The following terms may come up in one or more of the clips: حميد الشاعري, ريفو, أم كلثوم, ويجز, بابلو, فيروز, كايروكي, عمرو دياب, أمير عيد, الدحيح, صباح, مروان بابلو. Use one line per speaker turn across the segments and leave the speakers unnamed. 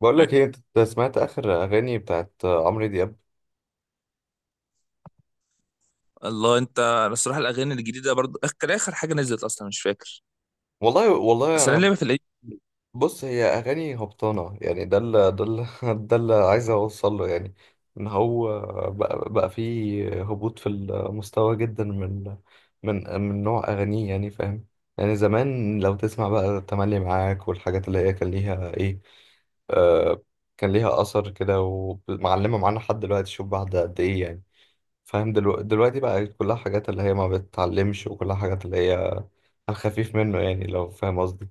بقول لك ايه، انت سمعت اخر اغاني بتاعت عمرو دياب؟
الله انت، انا الصراحه الاغاني الجديده برضو كان اخر حاجه نزلت اصلا مش فاكر.
والله
اصل انا
انا.
لعبه في القديم.
بص، هي اغاني هبطانه يعني. ده اللي ده اللي ده اللي عايز اوصل له يعني. ان هو بقى فيه هبوط في المستوى جدا من نوع اغانيه، يعني فاهم. يعني زمان لو تسمع بقى تملي معاك والحاجات اللي هي كان ليها ايه، آه كان ليها اثر كده ومعلمه معانا لحد دلوقتي. شوف بعد قد ايه يعني، فاهم. دلوقتي بقى كلها حاجات اللي هي ما بتتعلمش، وكلها حاجات اللي هي على الخفيف منه، يعني لو فاهم قصدي.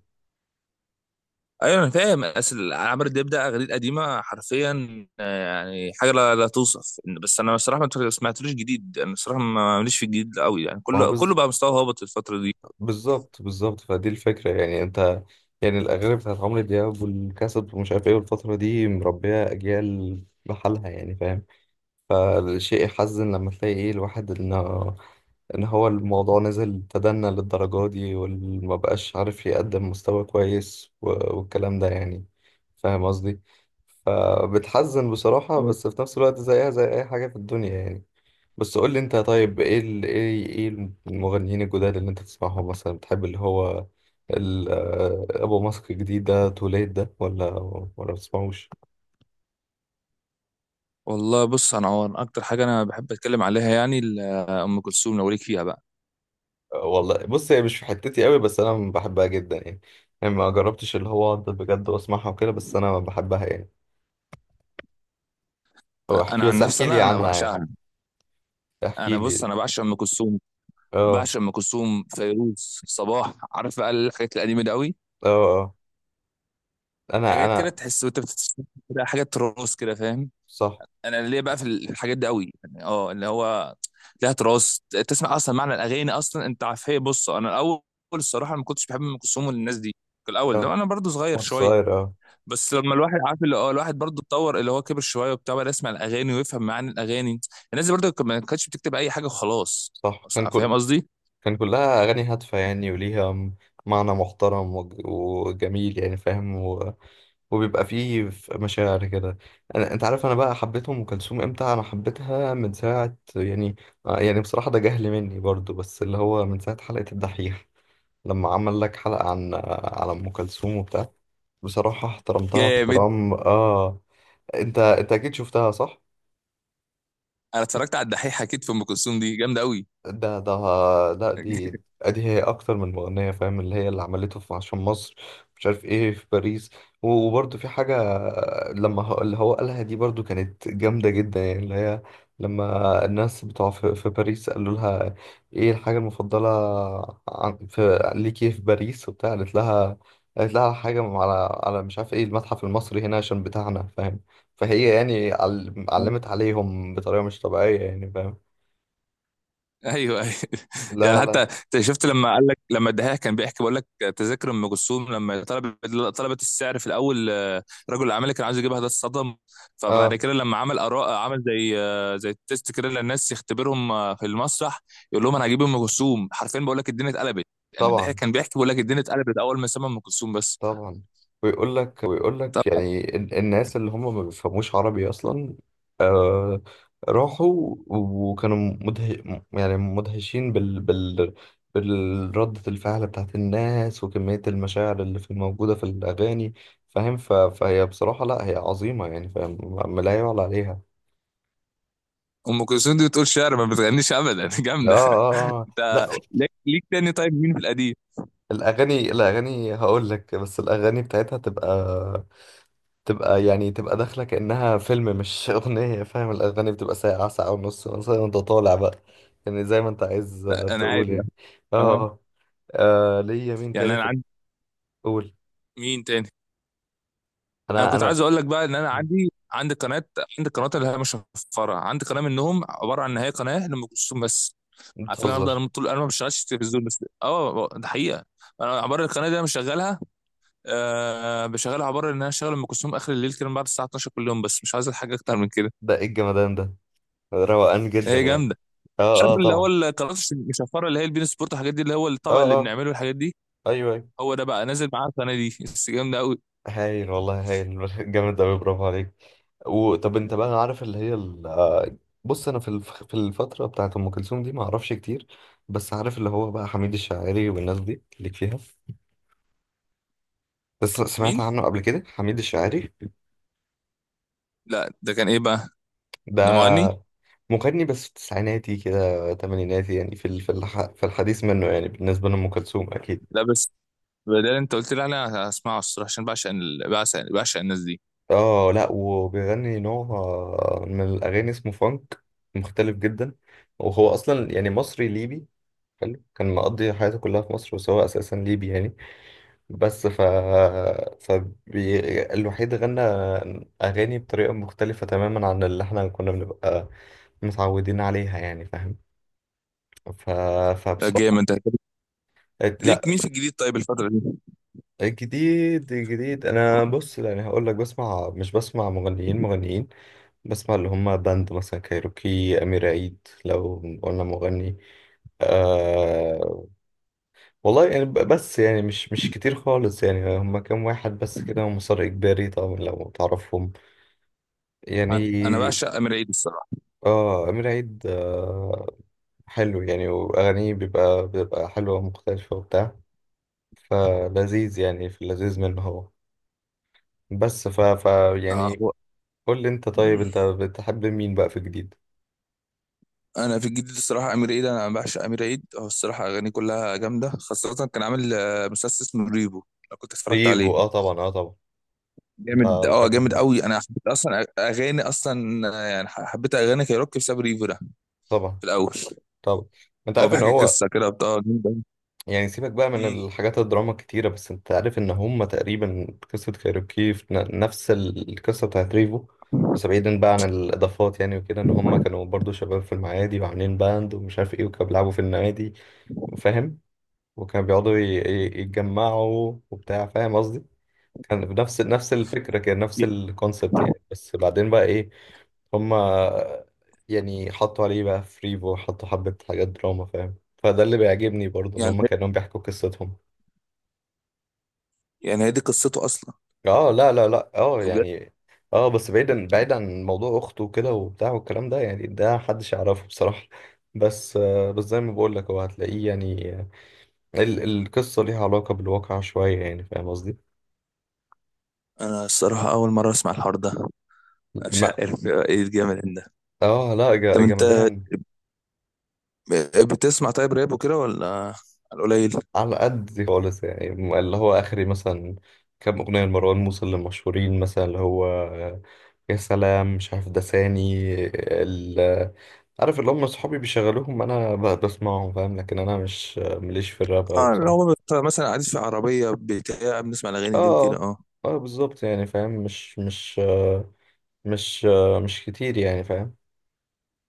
ايوه انا فاهم، اصل عمرو دياب ده اغاني قديمه حرفيا آه، يعني حاجه لا توصف. بس انا الصراحه ما سمعتلوش جديد، انا الصراحه ماليش في الجديد قوي، يعني
ما هو
كله كله بقى مستوى هابط الفتره دي.
بالظبط بالظبط، فدي الفكرة يعني. انت يعني الأغاني بتاعت عمرو دياب والكاسب ومش عارف ايه، والفترة دي مربية أجيال بحالها، يعني فاهم. فالشيء يحزن لما تلاقي ايه، الواحد انه ان هو الموضوع نزل تدنى للدرجة دي وما بقاش عارف يقدم مستوى كويس والكلام ده يعني، فاهم قصدي. فبتحزن بصراحة،
أيوة.
بس في نفس الوقت زيها زي اي حاجة في الدنيا يعني. بس قول لي انت طيب، ايه ايه ايه المغنيين الجداد اللي انت تسمعهم مثلا، بتحب اللي هو ال... آه، ابو ماسك الجديد ده، توليد ده، ولا بتسمعوش؟
والله بص، انا هو اكتر حاجه انا بحب اتكلم عليها يعني ام كلثوم، لو ليك فيها بقى.
والله بص، هي مش في حتتي قوي بس انا بحبها جدا يعني. يعني ما جربتش اللي هو اقعد بجد واسمعها وكده، بس انا بحبها يعني. او احكي،
انا عن
بس
نفسي
احكي لي
انا
عنها يعني.
بعشقها.
احكي
انا بص
لي.
انا بعشق ام كلثوم،
اه،
بعشق ام كلثوم، فيروز، صباح، عارف بقى الحاجات القديمه دي قوي.
اه، اه. انا
حاجات كده
انا
تحس وانت بتتفرج كده، حاجه تراث كده فاهم.
صح.
انا ليه بقى في الحاجات دي قوي، يعني اه اللي هو ليها تراث. تسمع اصلا معنى الاغاني اصلا، انت عارف. هي بص انا الاول الصراحه ما كنتش بحب ام كلثوم والناس دي في الاول
اه،
ده، انا برضو صغير
وأنت
شويه.
صغير، اه.
بس لما الواحد عارف اللي اه الواحد برضو اتطور، اللي هو كبر شويه وبتاع، بقى يسمع الاغاني ويفهم معاني الاغاني. الناس دي برضو ما كانتش بتكتب اي حاجه وخلاص،
صح،
فاهم قصدي.
كان كلها اغاني هادفه يعني، وليها معنى محترم وجميل يعني فاهم. وبيبقى فيه مشاعر كده. انا، انت عارف انا بقى حبيت ام كلثوم امتى؟ انا حبيتها من ساعه يعني. يعني بصراحه ده جهل مني برضو، بس اللي هو من ساعه حلقه الدحيح، لما عمل لك حلقه عن على ام كلثوم وبتاع. بصراحه احترمتها
جامد.
احترام، اه. انت انت اكيد شفتها صح؟
انا اتفرجت على الدحيح، اكيد، في ام كلثوم دي جامده قوي.
ده ده لا، دي هي اكتر من مغنية فاهم. اللي هي اللي عملته في عشان مصر، مش عارف ايه، في باريس. وبرده في حاجة لما اللي هو قالها دي، برضو كانت جامدة جدا يعني. اللي هي لما الناس بتوع في باريس قالوا لها ايه الحاجة المفضلة في ليكي في باريس وبتاع، قالت لها، قالت لها حاجة على على مش عارف ايه المتحف المصري هنا عشان بتاعنا فاهم. فهي يعني علمت عليهم بطريقة مش طبيعية يعني فاهم.
ايوه ايوه. يعني
لا،
حتى
لا.
انت شفت لما قال لك، لما الدحيح كان بيحكي بيقول لك تذاكر ام كلثوم لما طلبت، طلبت السعر في الاول آه، رجل الاعمال اللي كان عايز يجيبها ده اتصدم. فبعد
اه
كده لما عمل اراء، عمل زي آه، زي تيست كده للناس، يختبرهم آه، في المسرح، يقول لهم انا هجيب ام كلثوم. حرفيا بقول لك الدنيا اتقلبت، يعني الدحيح
طبعا،
كان بيحكي بيقول لك الدنيا اتقلبت اول ما سمع ام كلثوم بس.
طبعا. ويقول لك ويقول
طب
لك يعني الناس اللي هم ما بيفهموش عربي اصلا، آه. راحوا وكانوا يعني مدهشين بالردة الفعل بتاعت الناس وكمية المشاعر اللي في موجودة في الأغاني فاهم. فهي بصراحة لا، هي عظيمة يعني فاهم. ما لا يعلى عليها.
ام كلثوم دي بتقول شعر، ما بتغنيش ابدا.
اه،
جامده.
اه. آه. آه. لا.
انت ليك، ليك تاني طيب مين في القديم؟
الأغاني هقول لك، بس الأغاني بتاعتها تبقى، تبقى داخلة كأنها فيلم، مش أغنية فاهم. الأغاني بتبقى ساعة، ساعة ونص مثلا. أنت طالع بقى يعني زي ما أنت عايز،
لا انا
تقول
عادي.
يعني. اه.
اه
اه. آه، آه، ليا مين
يعني
تاني
انا
في
عندي،
الأول.
مين تاني؟ انا
أنا
كنت عايز
أنا
اقول لك بقى ان انا عندي قناه، عندي قناه اللي هي مش مشفره، عندي قناه منهم عباره عن ان هي قناه لام كلثوم بس. عارف ان انا
بتهزر.
افضل طول، انا ما بشتغلش في التلفزيون، بس اه ده حقيقه. انا عباره القناه دي انا مشغلها، آه بشغلها، عباره ان انا شغال ام كلثوم اخر الليل كده من بعد الساعه 12 كل يوم، بس مش عايز حاجه اكتر من كده.
ده إيه الجمدان ده؟ روقان جدا
هي
يعني.
جامده.
اه، اه،
عارف اللي هو
طبعا.
القناه المشفره اللي هي البين سبورت والحاجات دي، اللي هو الطبق
اه،
اللي
اه،
بنعمله الحاجات دي،
أيوه، أيوه.
هو ده بقى نازل معاه القناه دي، بس جامده قوي.
هايل والله، هايل جامد أوي، برافو عليك. وطب أنت بقى عارف اللي هي، بص انا في في الفتره بتاعت ام كلثوم دي ما اعرفش كتير. بس عارف اللي هو بقى حميد الشاعري والناس دي، ليك فيها؟ بس سمعت
مين؟
عنه قبل كده، حميد الشاعري
لا ده كان ايه بقى؟ ده مغني؟
ده مغني، بس في تسعيناتي كده، تمانيناتي يعني. في الحديث منه يعني، بالنسبه لام كلثوم اكيد.
لا. بدل انت قلت لي، انا هسمعه الصراحه، عشان بعشق بعشق، بعشق الناس دي.
اه، لا. وبيغني نوع من الاغاني اسمه فانك، مختلف جدا. وهو اصلا يعني مصري ليبي حلو، كان مقضي حياته كلها في مصر، بس هو اساسا ليبي يعني. بس فبي... الوحيد غنى أغاني بطريقة مختلفة تماما عن اللي احنا كنا بنبقى متعودين عليها يعني فاهم. ف...
لا
فبصراحة،
جامد. انت
لا.
ليك مين في الجديد طيب الفتره دي؟
جديد أنا بص يعني هقول لك، بسمع مش بسمع مغنيين. بسمع اللي هم باند مثلا، كايروكي، أمير عيد لو قلنا مغني، آه. والله يعني بس يعني مش كتير خالص يعني. هم كام واحد بس كده ومسار إجباري طبعا لو تعرفهم
انا أنا
يعني.
بعشق امير عيد الصراحه.
اه، أمير عيد، آه. حلو يعني، وأغانيه بيبقى بتبقى حلوة ومختلفة وبتاع. فلذيذ يعني، في اللذيذ منه هو. بس ف, ف
آه
يعني
هو،
قول لي أنت طيب، أنت بتحب مين بقى في جديد؟
انا في الجديد الصراحه امير عيد، انا بعشق امير عيد، هو الصراحه اغانيه كلها جامده، خاصه كان عامل آه، مسلسل اسمه ريبو، لو كنت اتفرجت عليه.
ريفو، اه طبعا، اه طبعا. أنت
جامد اه، جامد
بحبه.
قوي، انا حبيت اصلا اغاني اصلا آه، يعني حبيت اغاني كايروكي بسبب ريفو ده
طبعا.
في الاول.
طبعا. أنت
هو
عارف إن
بيحكي
هو،
قصه كده بتاع،
يعني سيبك بقى من الحاجات الدراما الكتيرة، بس انت عارف ان هما تقريبا قصة كايروكي في نفس القصة بتاعت ريفو. بس بعيدا بقى عن الإضافات يعني وكده، ان هما كانوا برضو شباب في المعادي وعاملين باند ومش عارف ايه، وكانوا بيلعبوا في النوادي فاهم. وكانوا بيقعدوا يتجمعوا وبتاع، فاهم قصدي. كان بنفس نفس الفكرة، كان نفس الكونسبت يعني. بس بعدين بقى ايه، هما يعني حطوا عليه بقى فريبو، حطوا حبة حاجات دراما فاهم. فده اللي بيعجبني برضه، ان
يعني
هما كانوا بيحكوا قصتهم.
يعني هي دي قصته اصلا.
اه، لا، لا، لا، اه يعني. اه، بس بعيدا، بعيدا عن موضوع اخته وكده وبتاع والكلام ده يعني، ده محدش يعرفه بصراحة. بس بس زي ما بقول لك، هو هتلاقيه يعني القصة ليها علاقة بالواقع شوية يعني، فاهم قصدي؟
انا الصراحه اول مره اسمع الحوار ده، مش
ما،
عارف ايه الجامد ده.
اه لا،
طب انت
جمدان.
بتسمع طيب راب وكده ولا على القليل؟
على قد خالص يعني، اللي هو آخري مثلا كام أغنية لمروان موسى اللي مشهورين مثلا، اللي هو يا سلام، مش عارف، دساني، ال عارف اللي هم صحابي بيشغلوهم، أنا بسمعهم فاهم، لكن أنا مش مليش في الراب أوي
اه، لو
بصراحة.
مثلا قاعد في عربيه بتاع بنسمع الاغاني دي وكده
اه،
اه.
اه، بالظبط يعني فاهم. مش كتير يعني فاهم.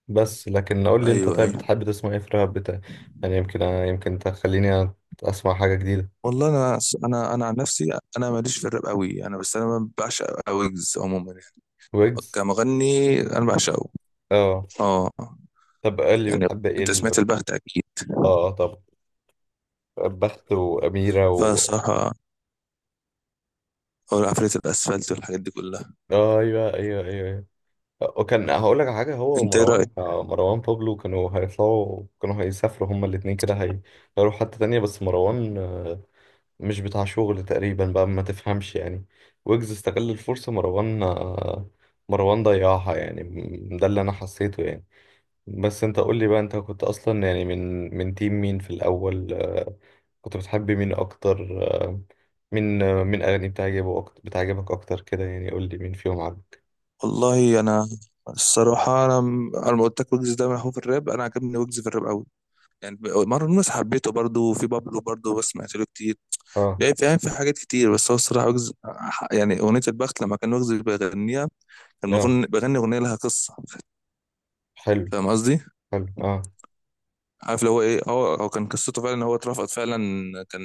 بس لكن قول لي انت
ايوه
طيب،
ايوه.
بتحب تسمع ايه في الراب بتاع؟ يعني يمكن تخليني اسمع حاجة جديدة.
والله انا، انا انا عن نفسي انا ماليش في الراب قوي، انا بس انا بعشق ويجز عموما يعني.
ويجز.
كمغني انا بعشقه.
اه
اه
طب، قال لي
يعني
بتحب ايه
انت سمعت البخت اكيد.
اه طب. بخت وأميرة و،
فالصراحه هو عفريت الاسفلت والحاجات دي كلها.
آه ايوه، ايوه، ايوه، ايوه. وكان هقول لك على حاجة، هو
انت ايه؟
ومروان، مروان بابلو، كانوا هيطلعوا، كانوا هيسافروا، هما الاتنين كده. هيروحوا حتة تانية، بس مروان، مش بتاع شغل تقريبا بقى ما تفهمش يعني. ويجز استغل الفرصة، مروان ضيعها يعني. ده اللي انا حسيته يعني. بس انت قول لي بقى، انت كنت اصلا يعني من تيم مين في الاول، كنت بتحب مين اكتر، مين اغاني بتعجبه اكتر بتعجبك اكتر كده يعني، قول لي مين فيهم عجبك.
والله انا الصراحه انا ما قلت لك ويجز ده هو في الراب، انا عجبني ويجز في الراب قوي. يعني مره الناس حبيته برضه، وفي بابلو برضه، بس سمعت له كتير
اه،
يعني فاهم، في حاجات كتير. بس هو الصراحه يعني اغنيه البخت لما كان ويجز بيغنيها، كان
اه،
بيغني اغنيه لها قصه،
حلو،
فاهم قصدي.
حلو، اه.
عارف اللي هو ايه، هو كان قصته فعلا ان هو اترفض فعلا، كان،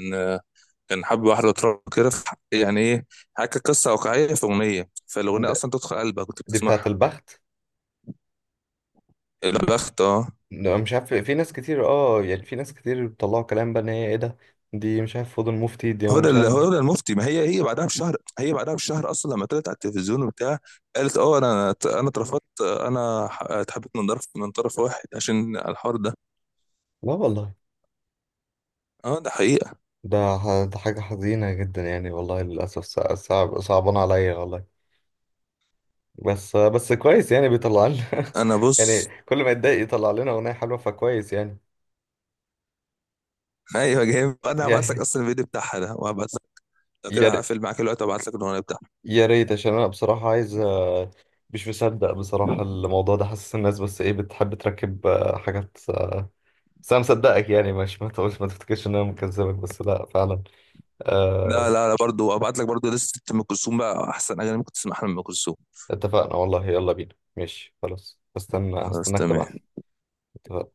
كان حب واحده واترفض كده يعني ايه، حكى قصه واقعيه في اغنيه، فالاغنيه
ده
اصلا تدخل قلبك وانت
دي بتاعه
بتسمعها.
البخت.
البخت اه.
لا، مش عارف. في ناس كتير اه يعني، في ناس كتير بيطلعوا كلام بقى، ان هي ايه ده، دي مش عارف، فضل مفتي دي، مش عارف.
هدى المفتي، ما هي هي بعدها بشهر، هي بعدها بشهر اصلا لما طلعت على التلفزيون وبتاع، قالت اه انا، اترفضت، انا اتحبت من طرف، من طرف واحد، عشان الحوار ده.
لا والله.
اه ده حقيقة.
ده حاجة حزينة جدا يعني والله، للأسف صعب، صعبان عليا والله. بس كويس يعني، بيطلع لنا
انا
يعني
بص،
كل ما يتضايق يطلع لنا أغنية حلوة، فكويس يعني.
ايوه جامد، انا هبعت لك
يعني
اصلا الفيديو بتاعها ده، وهبعت لك. لو
يا
كده
ر-
هقفل معاك دلوقتي وابعت لك الاغنيه بتاعها.
يا ريت عشان أنا بصراحة عايز، مش مصدق بصراحة الموضوع ده. حاسس الناس بس إيه بتحب تركب، حاجات، بس أنا مصدقك يعني، مش ما تقولش ما تفتكرش إن أنا مكذبك، بس لأ فعلا.
لا
آه،
لا لا، برضه وابعت لك برضه لسه ام كلثوم، بقى احسن اغاني ممكن تسمعها لام كلثوم.
اتفقنا والله، يلا بينا، ماشي خلاص.
خلاص
هستناك تبعتلي.
تمام.
اتفقنا.